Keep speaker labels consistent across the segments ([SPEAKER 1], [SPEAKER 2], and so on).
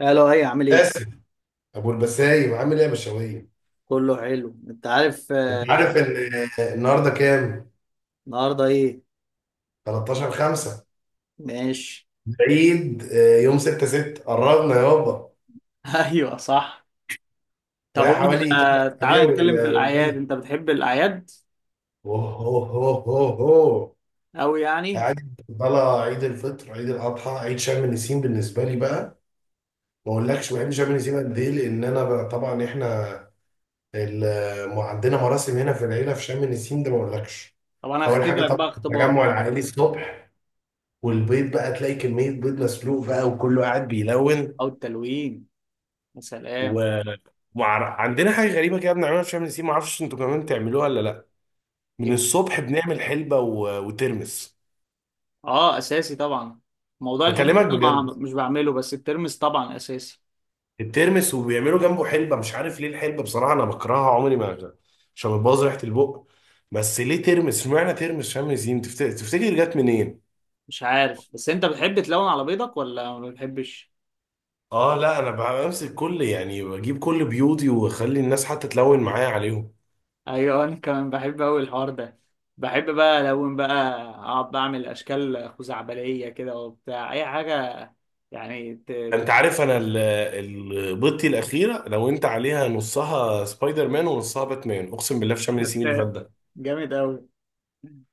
[SPEAKER 1] الو، ايه عامل ايه؟
[SPEAKER 2] باسم. ابو البسايم عامل ايه يا بشوية؟
[SPEAKER 1] كله حلو انت عارف.
[SPEAKER 2] انت عارف ان النهارده كام؟
[SPEAKER 1] النهارده ايه؟
[SPEAKER 2] 13 5
[SPEAKER 1] ماشي.
[SPEAKER 2] العيد، يوم 6 6. قربنا يابا.
[SPEAKER 1] ايوه صح. طب
[SPEAKER 2] بقى
[SPEAKER 1] وانت،
[SPEAKER 2] حوالي 3 اسابيع
[SPEAKER 1] تعالى نتكلم في الاعياد،
[SPEAKER 2] والعيد.
[SPEAKER 1] انت بتحب الاعياد
[SPEAKER 2] اوه اوه اوه اوه اوه.
[SPEAKER 1] قوي يعني؟
[SPEAKER 2] قاعد طالع عيد الفطر، عيد الاضحى، عيد شم النسيم. بالنسبه لي بقى، ما اقولكش بحب شم النسيم قد ايه، لان انا بقى طبعا احنا عندنا مراسم هنا في العيله في شم النسيم ده، ما اقولكش.
[SPEAKER 1] طب انا
[SPEAKER 2] اول حاجه
[SPEAKER 1] هختبرك
[SPEAKER 2] طبعا
[SPEAKER 1] بقى اختبار.
[SPEAKER 2] التجمع العائلي الصبح، والبيض بقى تلاقي كمية بيض مسلوق بقى وكله قاعد بيلون.
[SPEAKER 1] او التلوين، يا
[SPEAKER 2] و
[SPEAKER 1] سلام.
[SPEAKER 2] وعر... عندنا حاجة غريبة كده بنعملها في شم النسيم، معرفش انتوا كمان بتعملوها ولا لا. من
[SPEAKER 1] إيه؟
[SPEAKER 2] الصبح بنعمل حلبة وترمس.
[SPEAKER 1] اه اساسي طبعا. موضوع الحنة ده
[SPEAKER 2] بكلمك
[SPEAKER 1] ما
[SPEAKER 2] بجد،
[SPEAKER 1] مش بعمله، بس الترمس طبعا اساسي.
[SPEAKER 2] الترمس وبيعملوا جنبه حلبة. مش عارف ليه الحلبة، بصراحة انا بكرهها عمري ما. عشان بتبوظ ريحة البق. بس ليه ترمس؟ اشمعنى ترمس شم النسيم؟ تفتكر جت منين؟
[SPEAKER 1] مش عارف، بس انت بتحب تلون على بيضك ولا ما بتحبش؟
[SPEAKER 2] اه لا، انا بمسك كل يعني بجيب كل بيوضي واخلي الناس حتى تلون معايا عليهم.
[SPEAKER 1] ايوه انا كمان بحب اوي الحوار ده. بحب بقى الون بقى، اقعد بعمل اشكال خزعبليه كده وبتاع اي حاجه. يعني
[SPEAKER 2] انت عارف انا ال- البطي الاخيره لو انت عليها نصها سبايدر مان ونصها باتمان، اقسم بالله في شم النسيم اللي فات
[SPEAKER 1] ت-
[SPEAKER 2] ده.
[SPEAKER 1] جامد اوي.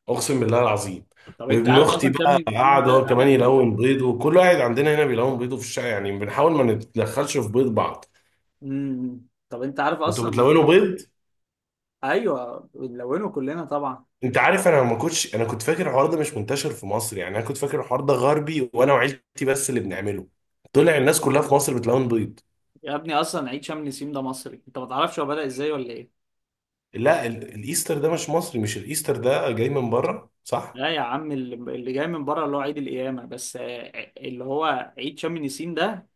[SPEAKER 2] اقسم بالله العظيم.
[SPEAKER 1] طب انت
[SPEAKER 2] وابن
[SPEAKER 1] عارف
[SPEAKER 2] اختي
[SPEAKER 1] اصلا شم
[SPEAKER 2] بقى
[SPEAKER 1] النسيم
[SPEAKER 2] قاعد
[SPEAKER 1] ده
[SPEAKER 2] هو كمان
[SPEAKER 1] اتعمل ليه؟
[SPEAKER 2] يلون بيضه. كل واحد عندنا هنا بيلون بيضه في الشقه يعني، بنحاول ما نتدخلش في بيض بعض.
[SPEAKER 1] طب انت عارف
[SPEAKER 2] انتوا
[SPEAKER 1] اصلا.
[SPEAKER 2] بتلونوا بيض؟
[SPEAKER 1] ايوه بنلونه كلنا طبعا.
[SPEAKER 2] انت عارف انا ما كنتش، انا كنت فاكر الحوار ده مش منتشر في مصر، يعني انا كنت فاكر الحوار ده غربي وانا وعيلتي بس اللي بنعمله. طلع الناس كلها في مصر بتلون بيض.
[SPEAKER 1] يا ابني اصلا عيد شم النسيم ده مصري، انت ما تعرفش هو بدأ ازاي ولا ايه؟
[SPEAKER 2] لا الايستر ده مش مصري، مش الايستر ده جاي من بره صح؟
[SPEAKER 1] لا يا عم، اللي جاي من بره اللي هو عيد القيامه، بس اللي هو عيد شم النسيم ده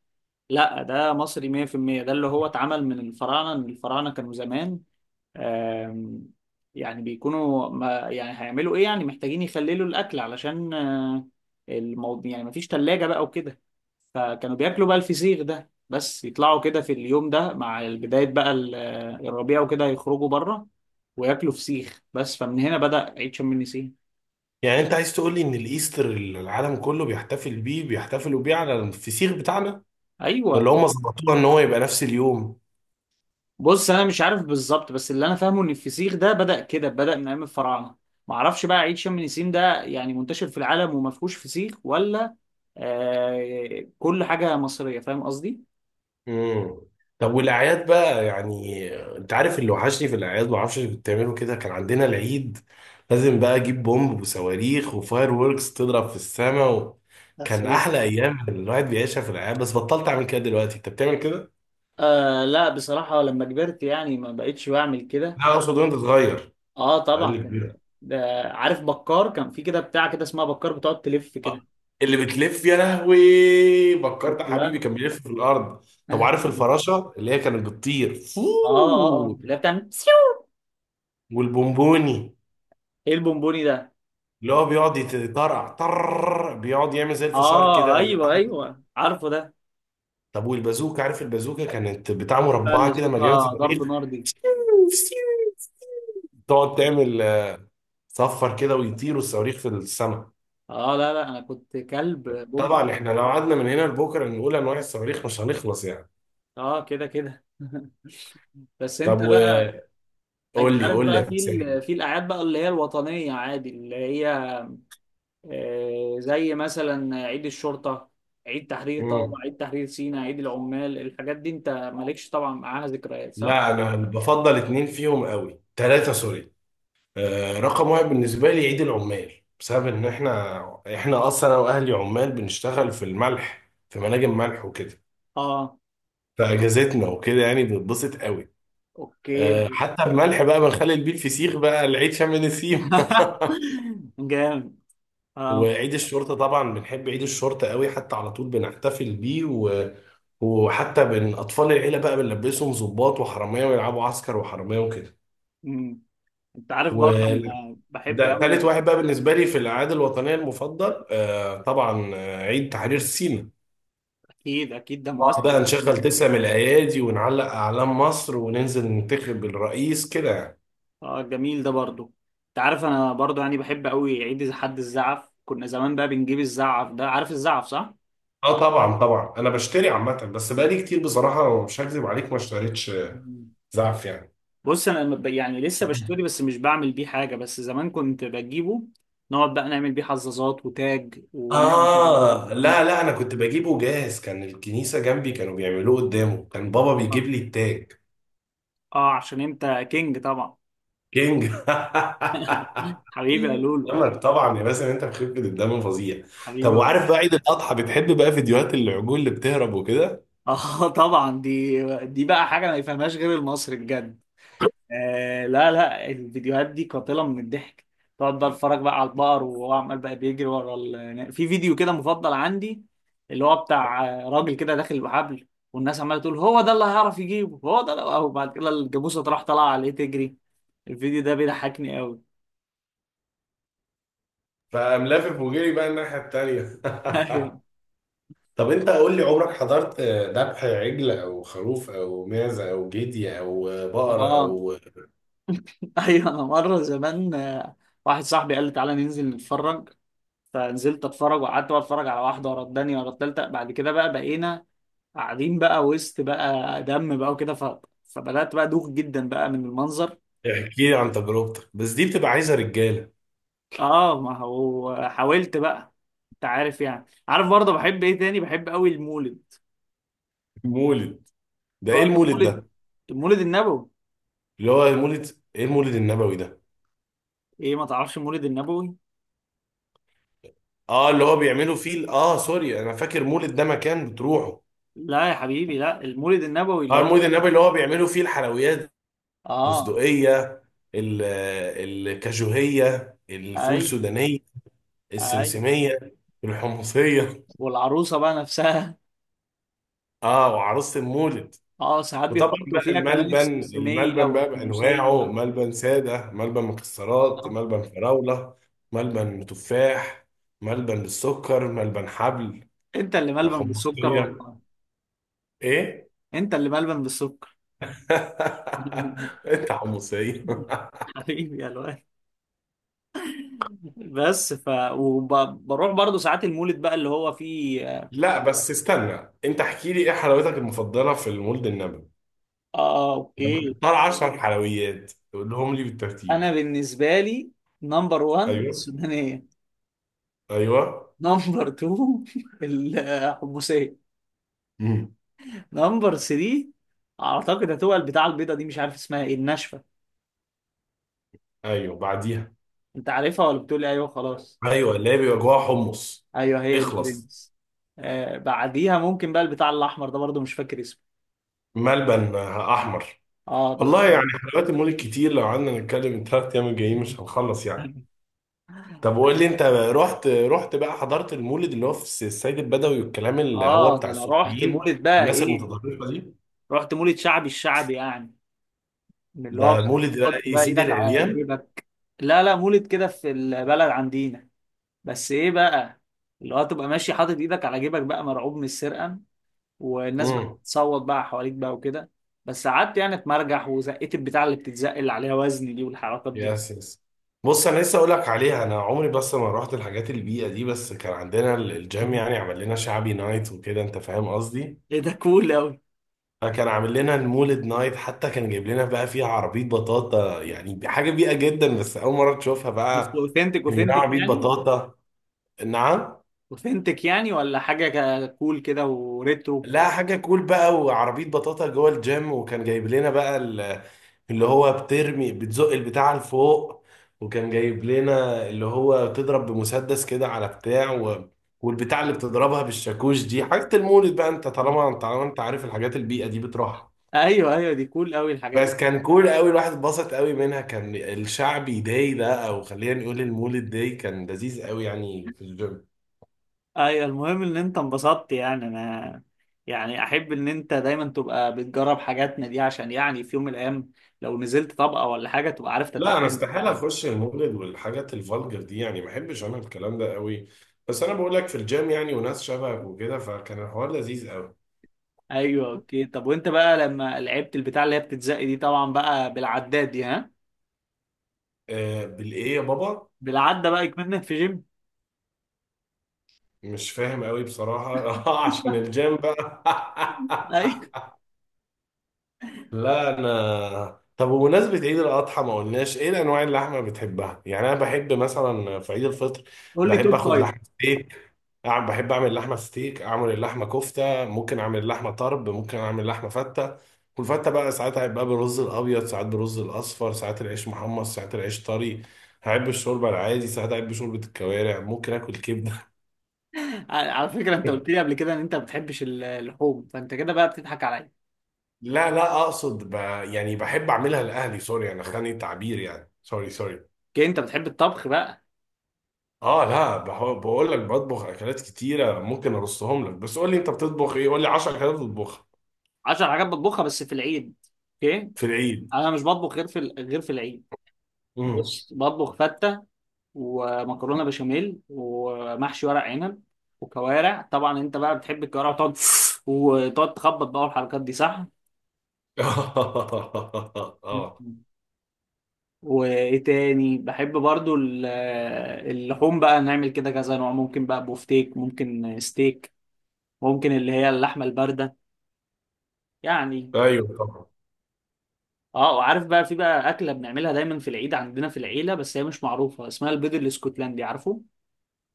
[SPEAKER 1] لا، ده مصري 100%. ده اللي هو اتعمل من الفراعنه، ان الفراعنه كانوا زمان آم، يعني بيكونوا، ما يعني هيعملوا ايه، يعني محتاجين يخللوا الاكل علشان الموضوع، يعني مفيش تلاجة بقى وكده. فكانوا بياكلوا بقى الفسيخ ده، بس يطلعوا كده في اليوم ده مع بداية بقى الربيع وكده، يخرجوا بره وياكلوا فسيخ بس، فمن هنا بدأ عيد شم النسيم.
[SPEAKER 2] يعني انت عايز تقول لي ان الايستر اللي العالم كله بيحتفل بيه بيحتفلوا بيه على الفسيخ بتاعنا؟ ولا
[SPEAKER 1] ايوه.
[SPEAKER 2] هم ظبطوها ان هو يبقى نفس اليوم؟
[SPEAKER 1] بص انا مش عارف بالظبط، بس اللي انا فاهمه ان الفسيخ ده بدأ كده، بدأ من ايام الفراعنه. ما اعرفش بقى عيد شم النسيم ده يعني منتشر في العالم وما فيهوش فسيخ ولا آه، كل حاجه مصريه، فاهم قصدي؟
[SPEAKER 2] امم طب والاعياد بقى يعني. انت عارف اللي وحشني في الاعياد، ما اعرفش بتعملوا كده، كان عندنا العيد لازم بقى اجيب بومب وصواريخ وفاير ووركس تضرب في السماء كان
[SPEAKER 1] أساس.
[SPEAKER 2] احلى ايام الواحد بيعيشها في الاعياد. بس بطلت اعمل كده دلوقتي، انت بتعمل كده؟
[SPEAKER 1] آه لا بصراحه لما كبرت يعني ما بقتش بعمل كده.
[SPEAKER 2] لا اقصد وانت صغير.
[SPEAKER 1] اه
[SPEAKER 2] اقل
[SPEAKER 1] طبعا
[SPEAKER 2] كبير.
[SPEAKER 1] ده عارف بكار، كان في كده بتاع كده اسمها بكار بتقعد تلف
[SPEAKER 2] آه،
[SPEAKER 1] كده.
[SPEAKER 2] اللي بتلف يا لهوي. فكرت
[SPEAKER 1] شفت
[SPEAKER 2] يا حبيبي
[SPEAKER 1] بقى.
[SPEAKER 2] كان بيلف في الارض. طب
[SPEAKER 1] اه.
[SPEAKER 2] عارف الفراشه اللي هي كانت بتطير
[SPEAKER 1] اه
[SPEAKER 2] فووو؟
[SPEAKER 1] اللي هي بتعمل
[SPEAKER 2] والبونبوني،
[SPEAKER 1] ايه البونبوني ده؟
[SPEAKER 2] اللي هو بيقعد يتطرقع بيقعد يعمل زي الفشار
[SPEAKER 1] اه
[SPEAKER 2] كده.
[SPEAKER 1] ايوه ايوه عارفه ده.
[SPEAKER 2] طب والبازوكه؟ عارف البازوكه كانت بتاع
[SPEAKER 1] لا اللي
[SPEAKER 2] مربعه كده مليانه
[SPEAKER 1] صوتها ضرب
[SPEAKER 2] صواريخ.
[SPEAKER 1] نار دي.
[SPEAKER 2] تقعد تعمل صفر كده ويطيروا الصواريخ في السماء.
[SPEAKER 1] اه لا لا، انا كنت كلب بومب.
[SPEAKER 2] طبعا احنا لو قعدنا من هنا لبكره نقول انواع الصواريخ مش هنخلص يعني.
[SPEAKER 1] اه كده كده بس انت
[SPEAKER 2] طب
[SPEAKER 1] بقى،
[SPEAKER 2] وقول
[SPEAKER 1] انت
[SPEAKER 2] لي،
[SPEAKER 1] عارف
[SPEAKER 2] قول لي
[SPEAKER 1] بقى
[SPEAKER 2] يا
[SPEAKER 1] في
[SPEAKER 2] مسائي.
[SPEAKER 1] في الاعياد بقى اللي هي الوطنيه، عادي اللي هي زي مثلا عيد الشرطه، عيد تحرير، طبعا عيد تحرير سيناء، عيد العمال، الحاجات دي انت مالكش طبعا معاها ذكريات صح؟
[SPEAKER 2] لا انا بفضل اتنين فيهم قوي، تلاتة سوري. آه رقم واحد بالنسبة لي عيد العمال، بسبب ان احنا اصلا انا واهلي عمال بنشتغل في الملح في مناجم ملح وكده.
[SPEAKER 1] اه.
[SPEAKER 2] فاجازتنا وكده يعني بنتبسط قوي.
[SPEAKER 1] اوكي.
[SPEAKER 2] آه حتى الملح بقى بنخلي بيه الفسيخ بقى العيد شم نسيم.
[SPEAKER 1] جامد. اه.
[SPEAKER 2] وعيد الشرطة طبعا بنحب عيد الشرطة قوي، حتى على طول بنحتفل بيه وحتى بين أطفال العيلة بقى بنلبسهم ضباط وحرامية ويلعبوا عسكر وحرامية وكده.
[SPEAKER 1] أمم. انت عارف برضه
[SPEAKER 2] وال-
[SPEAKER 1] انا بحب
[SPEAKER 2] ده تالت
[SPEAKER 1] قوي.
[SPEAKER 2] واحد بقى بالنسبة لي في الأعياد الوطنية المفضل، طبعا، عيد تحرير سيناء.
[SPEAKER 1] اكيد اكيد، ده
[SPEAKER 2] نقعد
[SPEAKER 1] مؤثر
[SPEAKER 2] بقى نشغل
[SPEAKER 1] جدا.
[SPEAKER 2] تسع من الأيادي ونعلق أعلام مصر وننزل ننتخب الرئيس كده يعني.
[SPEAKER 1] اه جميل ده برضو. انت عارف انا برضو يعني بحب قوي عيد إذا حد الزعف، كنا زمان بقى بنجيب الزعف ده، عارف الزعف صح؟
[SPEAKER 2] اه طبعا طبعا، أنا بشتري عامة بس بقالي كتير بصراحة مش هكذب عليك ما اشتريتش
[SPEAKER 1] مم.
[SPEAKER 2] زعف يعني.
[SPEAKER 1] بص انا لما يعني لسه بشتري، بس مش بعمل بيه حاجه، بس زمان كنت بجيبه، نقعد بقى نعمل بيه حظاظات وتاج ونعمل كده.
[SPEAKER 2] آه
[SPEAKER 1] اه.
[SPEAKER 2] لا لا، أنا كنت بجيبه جاهز. كان الكنيسة جنبي كانوا بيعملوه قدامه، كان بابا
[SPEAKER 1] آه.
[SPEAKER 2] بيجيب لي التاج.
[SPEAKER 1] عشان انت كينج طبعا.
[SPEAKER 2] كينج.
[SPEAKER 1] حبيبي يا لولو.
[SPEAKER 2] عمر طبعا يا باسم، انت مخيف من الدم فظيع. طب
[SPEAKER 1] حبيبي.
[SPEAKER 2] وعارف بقى عيد الاضحى، بتحب بقى فيديوهات العجول اللي بتهرب وكده؟
[SPEAKER 1] اه طبعا دي بقى حاجه ما يفهمهاش غير المصري بجد. آه لا لا، الفيديوهات دي قاتلة من الضحك. تقعد بقى اتفرج بقى على البقر وهو عمال بقى بيجري ورا في فيديو كده مفضل عندي، اللي هو بتاع راجل كده داخل بحبل، والناس عمالة تقول هو ده اللي هيعرف يجيبه، هو ده اللي... أو بعد كده الجاموسة تروح طالعة عليه تجري. الفيديو ده بيضحكني قوي.
[SPEAKER 2] فقام لافف وجري بقى الناحيه التانيه.
[SPEAKER 1] ايوه.
[SPEAKER 2] طب انت قول لي، عمرك حضرت ذبح عجل او خروف او معزه او جدي او بقر
[SPEAKER 1] اه
[SPEAKER 2] او؟
[SPEAKER 1] ايوه، انا مرة زمان واحد صاحبي قال لي تعالى ننزل نتفرج، فنزلت اتفرج، وقعدت بقى اتفرج على واحدة ورا التانية ورا التالتة، بعد كده بقى بقينا قاعدين بقى وسط بقى دم بقى وكده، فبدأت بقى دوخ جدا بقى من المنظر.
[SPEAKER 2] احكي لي عن تجربتك، بس دي بتبقى عايزه رجاله.
[SPEAKER 1] اه ما هو حاولت بقى. انت عارف يعني، عارف برضه بحب ايه تاني؟ بحب قوي المولد.
[SPEAKER 2] مولد. ده ايه
[SPEAKER 1] رحت
[SPEAKER 2] المولد
[SPEAKER 1] مولد.
[SPEAKER 2] ده؟
[SPEAKER 1] المولد النبوي.
[SPEAKER 2] اللي هو المولد، ايه المولد النبوي ده؟
[SPEAKER 1] ايه، ما تعرفش المولد النبوي؟
[SPEAKER 2] اه اللي هو بيعملوا فيه سوري، انا فاكر مولد ده مكان بتروحه.
[SPEAKER 1] لا يا حبيبي، لا المولد النبوي اللي
[SPEAKER 2] اه
[SPEAKER 1] هو
[SPEAKER 2] المولد النبوي اللي هو بيعملوا فيه الحلويات.
[SPEAKER 1] اه.
[SPEAKER 2] البندقية، ال- الكاجوهية، الفول
[SPEAKER 1] اي
[SPEAKER 2] السودانية،
[SPEAKER 1] اي.
[SPEAKER 2] السمسمية، الحمصية.
[SPEAKER 1] والعروسه بقى نفسها.
[SPEAKER 2] اه وعروسة المولد.
[SPEAKER 1] اه ساعات
[SPEAKER 2] وطبعا
[SPEAKER 1] بيحطوا
[SPEAKER 2] بقى
[SPEAKER 1] فيها كمان
[SPEAKER 2] الملبن،
[SPEAKER 1] السمسميه
[SPEAKER 2] الملبن بقى
[SPEAKER 1] والحموسيه.
[SPEAKER 2] بأنواعه: ملبن سادة، ملبن مكسرات،
[SPEAKER 1] آه.
[SPEAKER 2] ملبن فراولة، ملبن تفاح، ملبن بالسكر، ملبن حبل.
[SPEAKER 1] انت اللي ملبن بالسكر
[SPEAKER 2] حمصية،
[SPEAKER 1] والله.
[SPEAKER 2] ايه.
[SPEAKER 1] انت اللي ملبن بالسكر.
[SPEAKER 2] انت حمصية.
[SPEAKER 1] حبيبي يا الواد. بس ف، وبروح برضو ساعات المولد بقى اللي هو فيه اه،
[SPEAKER 2] لا بس استنى، انت احكي لي ايه حلاوتك المفضلة في المولد النبوي. لما
[SPEAKER 1] اوكي.
[SPEAKER 2] تختار 10 حلويات تقولهم لي بالترتيب.
[SPEAKER 1] انا بالنسبه لي نمبر 1
[SPEAKER 2] ايوه
[SPEAKER 1] السودانيه،
[SPEAKER 2] ايوه.
[SPEAKER 1] نمبر 2 الحمصيه،
[SPEAKER 2] امم.
[SPEAKER 1] نمبر 3 اعتقد هتبقى البتاعه البيضه دي، مش عارف اسمها ايه، الناشفه.
[SPEAKER 2] ايوه بعديها.
[SPEAKER 1] انت عارفها ولا بتقول لي ايوه خلاص؟
[SPEAKER 2] ايوه اللي هي بيبقى جواها حمص.
[SPEAKER 1] ايوه هي دي
[SPEAKER 2] اخلص.
[SPEAKER 1] برنس. آه بعديها ممكن بقى البتاع الاحمر ده، برضو مش فاكر اسمه.
[SPEAKER 2] ملبن احمر.
[SPEAKER 1] اه ده
[SPEAKER 2] والله يعني،
[SPEAKER 1] خطير.
[SPEAKER 2] حلويات المولد كتير لو قعدنا نتكلم الثلاث ايام الجايين مش هنخلص يعني. طب قول لي، انت رحت بقى حضرت المولد اللي هو في السيد البدوي والكلام اللي هو
[SPEAKER 1] اه
[SPEAKER 2] بتاع
[SPEAKER 1] ده انا رحت
[SPEAKER 2] السوريين
[SPEAKER 1] مولد بقى
[SPEAKER 2] الناس
[SPEAKER 1] ايه،
[SPEAKER 2] المتطرفه دي؟
[SPEAKER 1] رحت مولد شعبي، الشعبي يعني، من اللي هو
[SPEAKER 2] ده مولد بقى
[SPEAKER 1] بتحط
[SPEAKER 2] ايه
[SPEAKER 1] بقى
[SPEAKER 2] سيدي
[SPEAKER 1] ايدك على
[SPEAKER 2] العريان.
[SPEAKER 1] جيبك. لا لا مولد كده في البلد عندنا. بس ايه بقى، اللي هو تبقى ماشي حاطط ايدك على جيبك بقى مرعوب من السرقه، والناس بقى
[SPEAKER 2] امم.
[SPEAKER 1] بتصوت بقى حواليك بقى وكده، بس قعدت يعني اتمرجح وزقيت البتاع اللي بتتزق اللي عليها وزن دي، والحركات دي.
[SPEAKER 2] يس يس. بص انا لسه اقول لك عليها، انا عمري بس ما رحت الحاجات البيئه دي، بس كان عندنا الجيم يعني عمل لنا شعبي نايت وكده، انت فاهم قصدي.
[SPEAKER 1] ايه ده، كول قوي.
[SPEAKER 2] فكان عامل لنا المولد نايت، حتى كان جايب لنا بقى فيها عربيه بطاطا يعني حاجه بيئه جدا بس اول مره تشوفها
[SPEAKER 1] بس
[SPEAKER 2] بقى.
[SPEAKER 1] اوثنتك
[SPEAKER 2] كان يبقى
[SPEAKER 1] اوثنتك
[SPEAKER 2] عربيه
[SPEAKER 1] يعني،
[SPEAKER 2] بطاطا. نعم.
[SPEAKER 1] اوثنتك يعني، ولا حاجه كول كده وريترو.
[SPEAKER 2] لا حاجة كول بقى وعربية بطاطا جوه الجيم، وكان جايب لنا بقى اللي هو بترمي بتزق البتاع لفوق. وكان جايب لنا اللي هو بتضرب بمسدس كده على بتاع والبتاع اللي بتضربها بالشاكوش دي حاجة المولد بقى. انت طالما انت عارف الحاجات البيئة دي بتروحها.
[SPEAKER 1] ايوه ايوه، دي كول قوي الحاجات دي.
[SPEAKER 2] بس كان كول قوي، الواحد اتبسط قوي منها. كان الشعبي داي ده او خلينا نقول المولد داي كان لذيذ قوي يعني في الجيم.
[SPEAKER 1] ايوه المهم ان انت انبسطت، يعني انا يعني احب ان انت دايما تبقى بتجرب حاجاتنا دي، عشان يعني في يوم من الايام لو نزلت طبقة ولا حاجة تبقى عارف
[SPEAKER 2] لا انا
[SPEAKER 1] تتعامل
[SPEAKER 2] استحاله
[SPEAKER 1] يعني.
[SPEAKER 2] اخش المولد والحاجات الفالجر دي يعني، ما بحبش انا الكلام ده قوي. بس انا بقول لك في الجيم يعني وناس شبهك وكده، فكان الحوار لذيذ قوي.
[SPEAKER 1] ايوه اوكي. طب وانت بقى لما لعبت البتاع اللي هي بتتزق دي، طبعا بقى بالعداد دي ها،
[SPEAKER 2] بالايه يا بابا؟
[SPEAKER 1] بالعدة بقى كمان في جيم.
[SPEAKER 2] مش فاهم قوي بصراحه. اه عشان الجيم بقى.
[SPEAKER 1] ايوه
[SPEAKER 2] لا انا. طب وبمناسبه عيد الاضحى ما قلناش ايه الانواع اللحمه بتحبها يعني، انا بحب مثلا في عيد الفطر
[SPEAKER 1] قول لي
[SPEAKER 2] بحب
[SPEAKER 1] توب
[SPEAKER 2] اخد
[SPEAKER 1] فايف.
[SPEAKER 2] لحمه ستيك. أعمل لحمة ستيك، أعمل اللحمة كفتة، ممكن أعمل اللحمة طرب، ممكن أعمل لحمة فتة. والفتة بقى ساعات هيبقى بالرز الأبيض، ساعات بالرز الأصفر، ساعات العيش محمص، ساعات العيش طري. هحب الشوربة العادي، ساعات أحب شوربة الكوارع، ممكن آكل كبدة.
[SPEAKER 1] على على فكرة، انت قلت لي قبل كده ان انت ما بتحبش اللحوم، فانت كده بقى بتضحك عليا.
[SPEAKER 2] لا لا، أقصد يعني بحب أعملها لأهلي. سوري، أنا خاني التعبير، يعني سوري سوري.
[SPEAKER 1] اوكي، انت بتحب الطبخ بقى؟
[SPEAKER 2] اه لا، بقول لك بطبخ اكلات كتيره، ممكن ارصهم لك، بس قول لي انت بتطبخ ايه؟ قول لي 10 اكلات بتطبخها.
[SPEAKER 1] 10 حاجات بتطبخها بس في العيد. اوكي،
[SPEAKER 2] في العيد.
[SPEAKER 1] انا مش بطبخ غير في غير في العيد.
[SPEAKER 2] امم.
[SPEAKER 1] بص بطبخ فته ومكرونه بشاميل ومحشي ورق عنب وكوارع، طبعا انت بقى بتحب الكوارع وتقعد، وتقعد تخبط بقى والحركات دي صح.
[SPEAKER 2] اه
[SPEAKER 1] وايه تاني بحب برضو اللحوم بقى، نعمل كده كذا نوع، ممكن بقى بوفتيك ممكن ستيك، ممكن اللي هي اللحمه البارده يعني.
[SPEAKER 2] ايوه طبعا.
[SPEAKER 1] اه. وعارف بقى في بقى اكله بنعملها دايما في العيد عندنا في العيله، بس هي مش معروفه، اسمها البيض الاسكتلندي، عارفه؟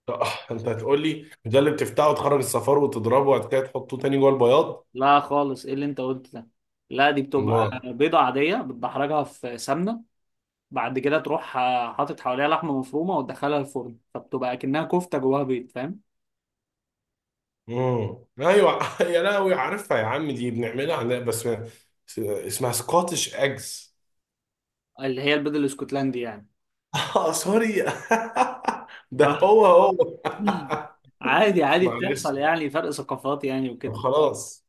[SPEAKER 2] طب انت هتقول لي ده اللي بتفتحه وتخرج الصفار وتضربه وبعد كده تحطه تاني جوه البياض؟
[SPEAKER 1] لا خالص، ايه اللي انت قلت ده؟ لا دي
[SPEAKER 2] ما.
[SPEAKER 1] بتبقى بيضة عادية بتدحرجها في سمنة، بعد كده تروح حاطط حواليها لحمة مفرومة وتدخلها الفرن، فبتبقى كأنها كفتة جواها بيض، فاهم؟
[SPEAKER 2] ايوه، يا لهوي عارفها يا عم، دي بنعملها عندنا بس اسمها سكوتش اجز.
[SPEAKER 1] اللي هي البيض الاسكتلندي يعني.
[SPEAKER 2] اه سوري. ده
[SPEAKER 1] اه.
[SPEAKER 2] هو هو.
[SPEAKER 1] عادي عادي،
[SPEAKER 2] معلش.
[SPEAKER 1] بتحصل يعني، فرق ثقافات يعني
[SPEAKER 2] طب
[SPEAKER 1] وكده.
[SPEAKER 2] خلاص.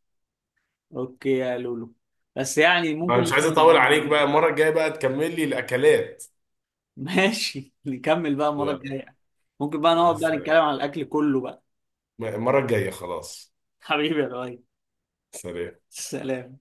[SPEAKER 1] اوكي يا لولو، بس يعني
[SPEAKER 2] ما
[SPEAKER 1] ممكن
[SPEAKER 2] مش عايز
[SPEAKER 1] بقى
[SPEAKER 2] اطول عليك بقى،
[SPEAKER 1] نبقى-
[SPEAKER 2] المره الجايه بقى تكمل لي الاكلات.
[SPEAKER 1] ماشي نكمل بقى المرة
[SPEAKER 2] يلا.
[SPEAKER 1] الجاية، ممكن بقى
[SPEAKER 2] مع
[SPEAKER 1] نقعد بقى
[SPEAKER 2] السلامه.
[SPEAKER 1] نتكلم عن الأكل كله بقى.
[SPEAKER 2] المره الجايه خلاص.
[SPEAKER 1] حبيبي يا لؤي.
[SPEAKER 2] سلام.
[SPEAKER 1] سلام.